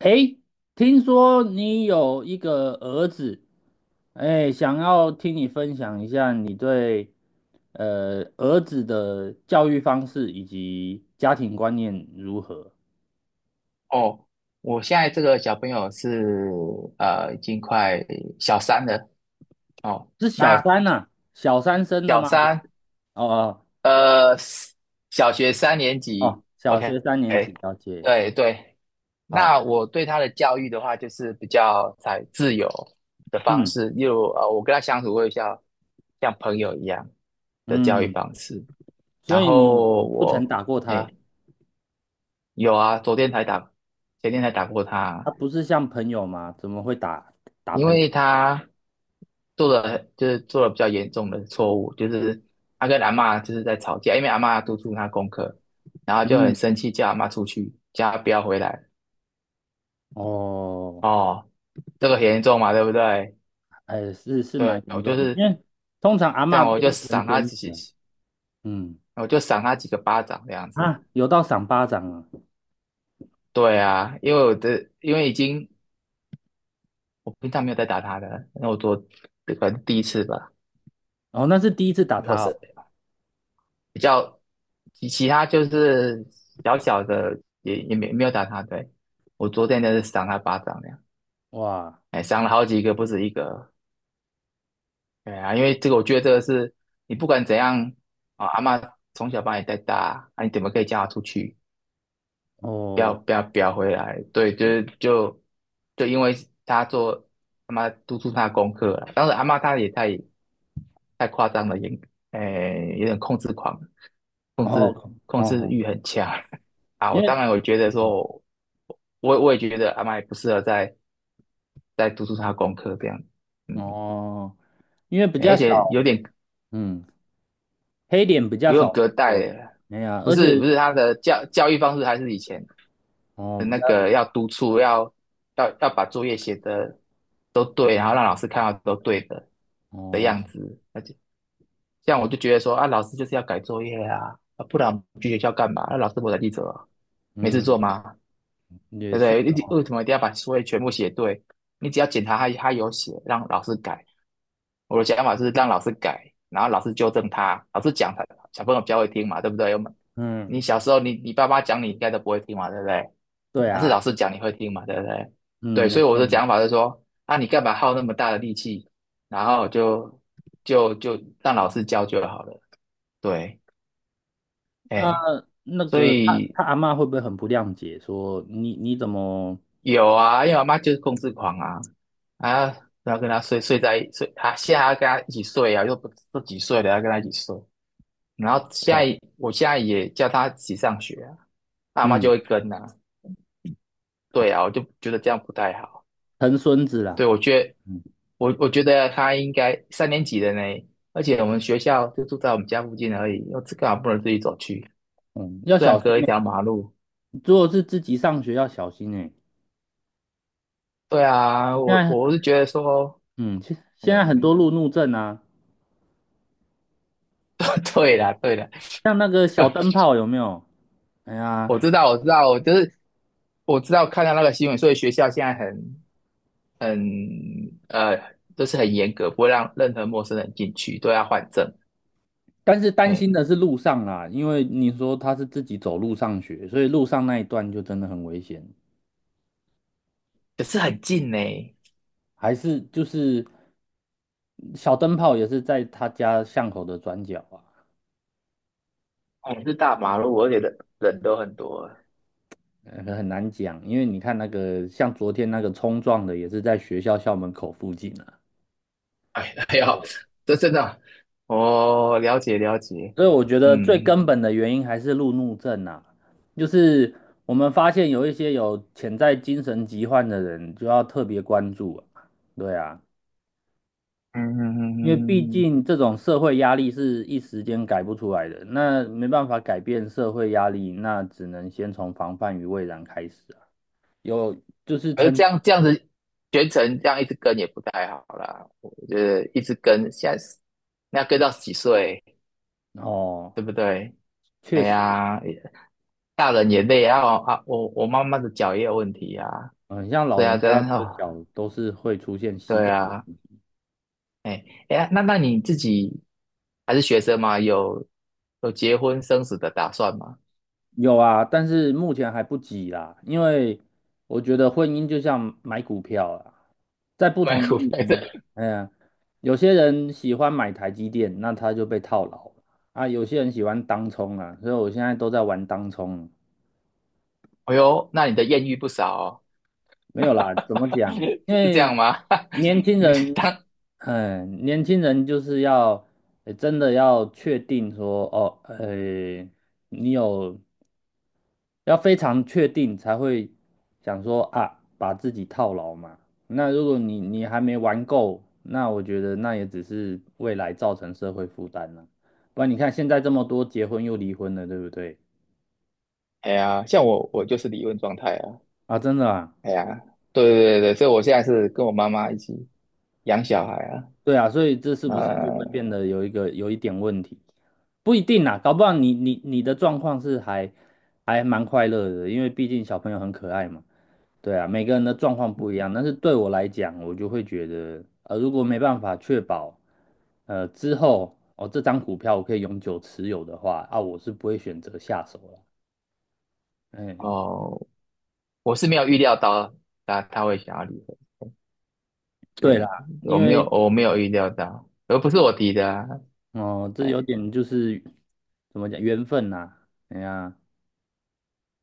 诶，听说你有一个儿子，诶，想要听你分享一下你对儿子的教育方式以及家庭观念如何？哦，我现在这个小朋友是已经快小三了哦。是小那三呐、啊，小三生的小吗？还是三哦哦呃，小学3年级哦，小，OK，学三年级，了解。对对。好，那我对他的教育的话，就是比较采自由的方嗯式，例如我跟他相处会像朋友一样的教育嗯，方式。然所以你后不曾打过哎，他，有啊，昨天才打，前天才打过他他，不是像朋友吗？怎么会打因朋为友？他就是做了比较严重的错误，就是他跟阿嬷就是在吵架，因为阿嬷督促他功课，然后就很嗯，生气，叫阿嬷出去，叫他不要回来。哦。哦，这个很严重嘛，对不对？哎，是蛮对，严我重就的，因是为通常阿这嬷样，都会疼孙子啊。嗯我就赏他几个巴掌这样子。啊，有到赏巴掌啊！对啊，因为已经我平常没有在打他的，那我做这个第一次吧，哦，那是第一次打以他后哦。是比较其他就是小小的也没有打他，对，我昨天就是赏他巴掌那样，哇，哎，赏了好几个，不止一个，对啊，因为这个我觉得这个是你不管怎样啊，阿嬷从小把你带大，啊，你怎么可以叫他出去，不要哦不要不要回来？对，就是就因为他做他妈督促他的功课了，当时阿嬷她也太夸张了，诶，有点控制狂，控哦制控哦，制哦欲很强 啊。我因当为然，我也觉得阿麦不适合再督促他功课这样，嗯，哦，因为比较而且少，有点嗯，黑脸比较不用少隔代有，了哎呀，不而是不且是他的教育方式还是以前哦的比那较个要督促，要把作业写的都对，然后让老师看到都对的哦，样子，而且。这样我就觉得说啊，老师就是要改作业啊，啊不然我们去学校干嘛？那老师不才记者啊，没事嗯，做吗？也对不是对？哦，为什么一定要把作业全部写对？你只要检查他有写，让老师改。我的想法是让老师改，然后老师纠正他，老师讲他小朋友比较会听嘛，对不对？嗯，你小时候你爸妈讲你应该都不会听嘛，对不对？对但是啊，老师讲你会听嘛，对不对？对，嗯，没所以我错的没错。讲法是说，啊，你干嘛耗那么大的力气，然后就让老师教就好了。对，那、哎，那所个他以他阿嬷会不会很不谅解，说你怎么有啊，因为我妈就是控制狂啊，啊，然后跟她睡在一睡，她现在还要跟她一起睡啊，又不自己睡，了，要跟她一起睡。然后现哦，在现在也叫她一起上学啊，阿妈就嗯，会跟啊。对啊，我就觉得这样不太好。疼孙子对，啦？我觉得嗯我我觉得她应该三年级的呢，而且我们学校就住在我们家附近而已，又这干嘛不能自己走去？嗯，要虽小然心隔一条欸马路。如果是自己上学要小心哎。对啊，现我在我是觉得说。嗯，现在很哎，多路怒症啊，对啦，对啦，像那个小灯泡有没有？哎呀，我知道，我知道，我就是我知道看到那个新闻，所以学校现在很，就是很严格，不会让任何陌生人进去，都要换证。但是担心哎，的是路上啊，因为你说他是自己走路上学，所以路上那一段就真的很危险。可是很近呢，也还是就是小灯泡也是在他家巷口的转角啊，是大马路，而且人人都很多。很难讲，因为你看那个像昨天那个冲撞的也是在学校校门口附近。哎，还呦，这真的，哦，了解了解，所以我觉得最嗯根本的原因还是路怒症啊，就是我们发现有一些有潜在精神疾患的人，就要特别关注啊。对啊，嗯嗯嗯因为毕嗯嗯，竟这种社会压力是一时间改不出来的，那没办法改变社会压力，那只能先从防范于未然开始啊。有就是曾这样子全程这样一直跟也不太好啦，我觉得一直跟现在是那要跟到几岁？哦，对不对？哎确实，呀，大人也累啊！啊，我妈妈的脚也有问题啊，嗯，像所老以啊，人家真的哦，脚都是会出现 膝对盖。啊，哎哎呀，那你自己还是学生吗？有结婚生子的打算吗？有啊，但是目前还不急啦，因为我觉得婚姻就像买股票啊，在 不买同的股票地方，的，哎呀，有些人喜欢买台积电，那他就被套牢了啊；有些人喜欢当冲啊，所以我现在都在玩当冲。哎呦，那你的艳遇不少哦，没有啦，怎么讲？因 是这样为吗？年 轻你人，当嗯，年轻人就是要，真的要确定说，哦，你有要非常确定才会想说啊，把自己套牢嘛。那如果你还没玩够，那我觉得那也只是未来造成社会负担了。不然你看现在这么多结婚又离婚的，对不对？哎呀，像我就是离婚状态啊，啊，真的啊。哎呀，对对对对，所以我现在是跟我妈妈一起养小孩啊，对啊，所以这是不是就会变呃，得有一个有一点问题？不一定啦，搞不好你的状况是还蛮快乐的，因为毕竟小朋友很可爱嘛。对啊，每个人的状况不一样，但是对我来讲，我就会觉得，如果没办法确保，之后哦这张股票我可以永久持有的话，啊，我是不会选择下手了。嗯，哦，我是没有预料到他会想要离婚，对啦，哎，我因没有为我没有预料到，而不是我提的啊，哦，这有哎点就是怎么讲缘分呐、哎呀。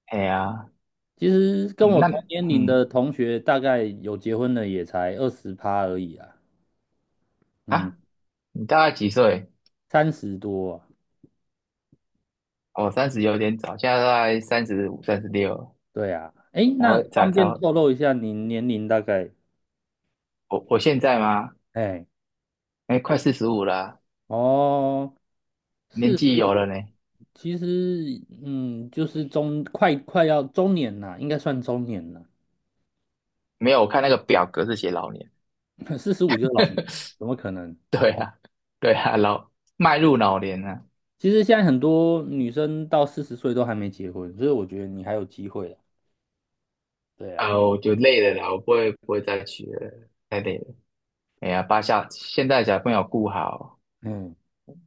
哎呀，其实跟嗯我那同年龄嗯的同学，大概有结婚的也才20趴而已啊，嗯，啊，你大概几岁？30多啊，我三十有点早，现在大概三十五、36对啊，哎，才那会才方才便会，透露一下你年龄大概？我现在吗？哎，哎，快45了，哦，年四十，纪有了呢。其实嗯，就是快要中年啦，应该算中年了，没有，我看那个表格是写老年，45就是老年，怎么可能？对啊，对啊，迈入老年了其实现在很多女生到40岁都还没结婚，所以我觉得你还有机会的，对啊，啊，我就累了啦，我不会再娶了，太累了。哎呀，现在小朋友顾好，嗯。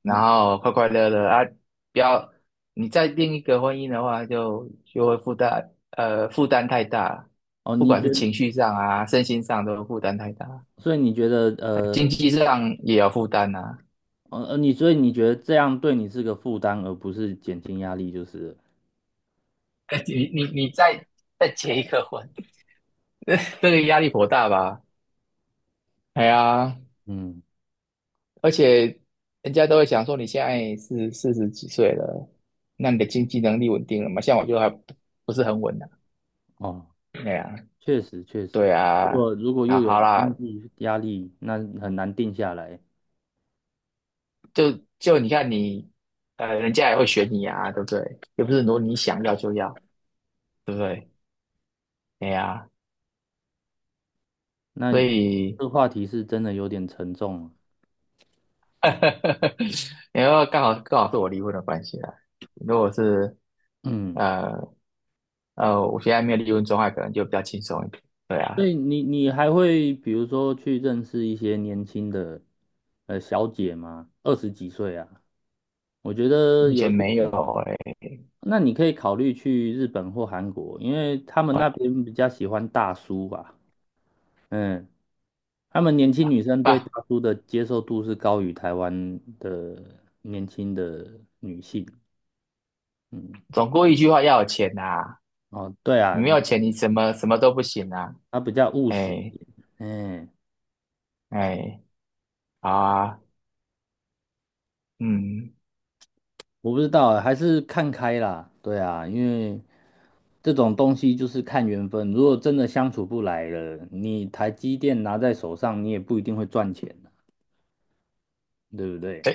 然你后快快乐乐啊，不要你再另一个婚姻的话就会负担负担太大，哦，不你管觉是得，情绪上啊、身心上都负担太大，所以你觉得，经济上也有负担啊。你所以你觉得这样对你是个负担，而不是减轻压力，就是了 你再结一个婚，这个压力颇大吧？哎呀，嗯，而且人家都会想说，你现在是40几岁了，那你的经济能力稳定了吗？像我就还不是很稳啊。哦，哎呀，确实确实，对如啊，果如果啊又有好啦，经济压力，那很难定下来，就就你看你，人家也会选你啊，对不对？又不是说你想要就要，对不对？哎呀，所那以，这话题是真的有点沉重了 然后刚好刚好是我离婚的关系啦。如果是嗯，呃我现在没有离婚状态，可能就比较轻松一点。对所啊，以你还会比如说去认识一些年轻的小姐吗？20几岁啊，我觉得目有前些，没有哎、那你可以考虑去日本或韩国，因为他们欸那边比较喜欢大叔吧。嗯，他们年轻女生对大爸，叔的接受度是高于台湾的年轻的女性。嗯，总归一句话，要有钱呐、哦，对啊，你没有钱，你什么什么都不行啊。他比较务实一哎点哎哎，好啊，嗯。我不知道，还是看开啦。对啊，因为这种东西就是看缘分。如果真的相处不来了，你台积电拿在手上，你也不一定会赚钱，对不对？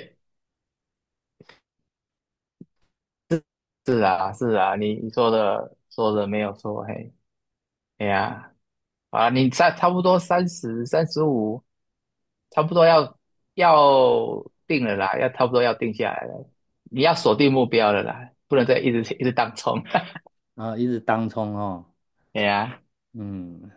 是啊，是啊，你说的没有错，嘿，哎呀，啊，你差不多三十、三十五，差不多要定了啦，要差不多要定下来了，你要锁定目标了啦，不能再一直一直当冲，啊，一直当冲哦。哎呀，嗯，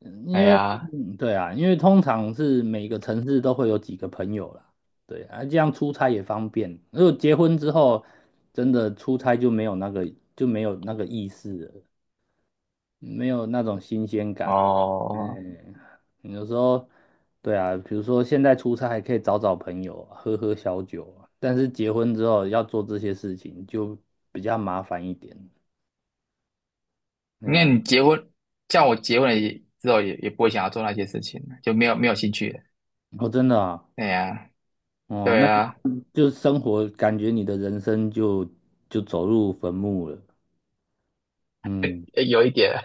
因哎为呀，对啊，因为通常是每个城市都会有几个朋友啦，对啊，这样出差也方便。如果结婚之后，真的出差就没有那个就没有那个意思了，没有那种新鲜感。哦，嗯，有时候对啊，比如说现在出差还可以找找朋友啊喝喝小酒啊但是结婚之后要做这些事情就比较麻烦一点。对那啊，你结婚，像我结婚了也之后也不会想要做那些事情了，就没有兴趣了，我真的啊。哎呀，哦，对那啊，就生活感觉你的人生就走入坟墓了。嗯，有一点，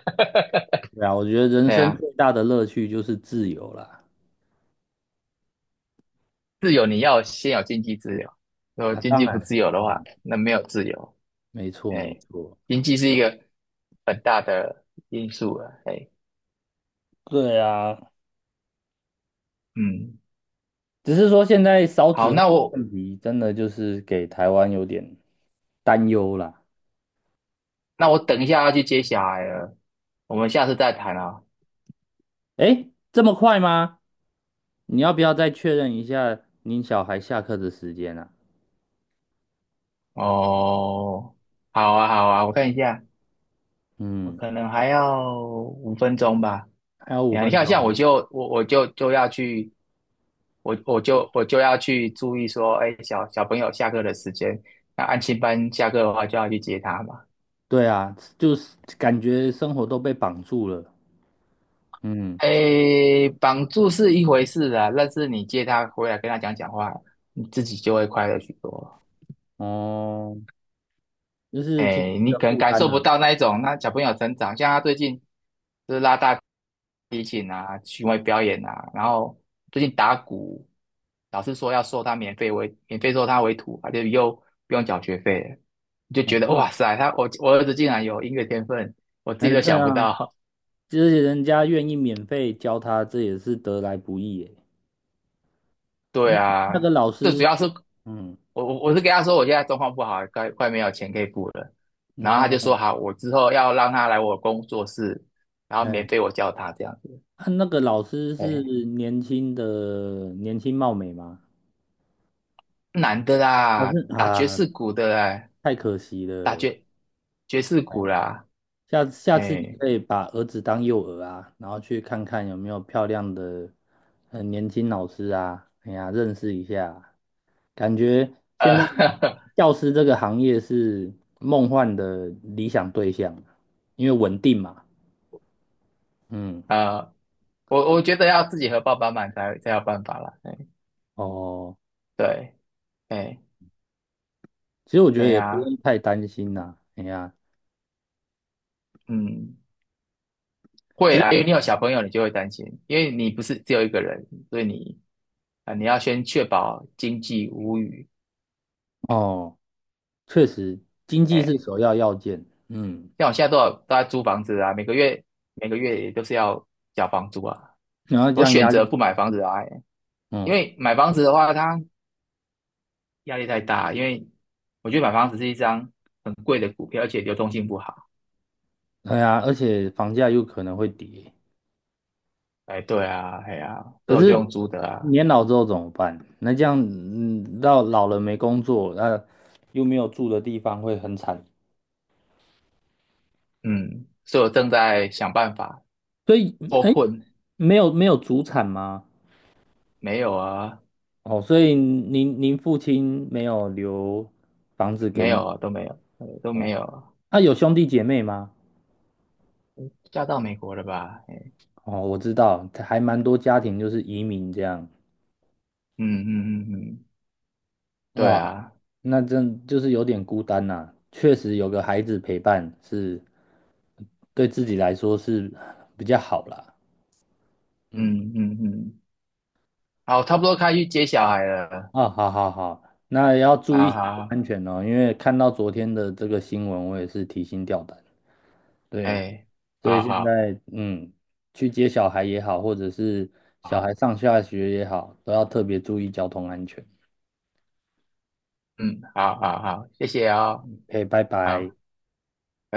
对啊，我觉得 人哎生呀。最大的乐趣就是自由啦。自由你要先有经济自由，如果那、经当济然不了，自由的当话，然，那没有自由。没错没哎，错。经济是一个很大的因素了。哎，对啊，嗯，只是说现在少好，子化那的我问题真的就是给台湾有点担忧啦。那我等一下要去接小孩了，我们下次再谈啊。诶，这么快吗？你要不要再确认一下您小孩下课的时间啊？哦，好啊，好啊，我看一下，我嗯，可能还要5分钟吧。还有五哎呀，你分看，像钟。我就我我就就要去，我就要去注意说，哎，小小朋友下课的时间，那安亲班下课的话就要去接他嘛。对啊，就是感觉生活都被绑住了。嗯，哎，绑住是一回事啊，但是你接他回来跟他讲讲话，你自己就会快乐许多。哦，就是挺哎，你的可能负感担受不呢、到那一种那小朋友成长，像他最近就是拉大提琴啊，巡回表演啊，然后最近打鼓，老师说要收他免费收他为徒，他就又不用缴学费了，你就嗯，觉得哇塞，我儿子竟然有音乐天分，我自哎，己都对想不啊，到。就是人家愿意免费教他，这也是得来不易耶。对那那啊，个老最师主要是是嗯，我是跟他说我现在状况不好，快没有钱可以付了，然后他哦，就后，说好，我之后要让他来我工作室，然后免哎，费我教他这样子。啊那个老师是哎，年轻的，年轻貌美吗？男的还啦，是打爵啊，士鼓的啦，太可惜打了。爵爵士鼓啦，下次你哎，可以把儿子当诱饵啊，然后去看看有没有漂亮的很年轻老师啊，哎呀，认识一下。感觉现在呃，教师这个行业是梦幻的理想对象，因为稳定嘛。嗯，呃，我觉得要自己和爸爸买才有办法啦，哎，哦，对，哎，其实我觉哎得也不呀，用太担心啦。哎呀，嗯，会只是啦，因为你有小朋友，你就会担心，因为你不是只有一个人，所以你啊、你要先确保经济无虞，哦，确实经济是哎，首要要件。嗯，像我现在多少都在租房子啊，每个月每个月也都是要缴房租啊。然后这我样选压力，择不买房子啊，哎因嗯，为买房子的话，它压力太大，因为我觉得买房子是一张很贵的股票，而且流动性不好。哎呀，而且房价有可能会跌。哎，对啊，哎呀、所可以我就用是租的啊，年老之后怎么办？那这样，嗯，到老了没工作，那、又没有住的地方，会很惨。嗯，所以我正在想办法所以，脱哎，困，没有没有祖产吗？没有啊，哦，所以您父亲没有留房子给没你有啊，都没有，都没哦？有啊，啊，有兄弟姐妹吗？嫁到美国了吧？哦，我知道，还蛮多家庭就是移民这样。嗯嗯嗯嗯，对哇，啊，那真就是有点孤单呐、确实有个孩子陪伴是对自己来说是比较好啦。嗯。嗯嗯嗯，好，差不多该去接小孩了，啊，好好好，那也要注好意好，安全哦，因为看到昨天的这个新闻，我也是提心吊胆。对，哎，所以好现好，在嗯，去接小孩也好，或者是小孩上下学也好，都要特别注意交通安全。嗯，好好好，谢谢哦，o 拜好。拜。拜拜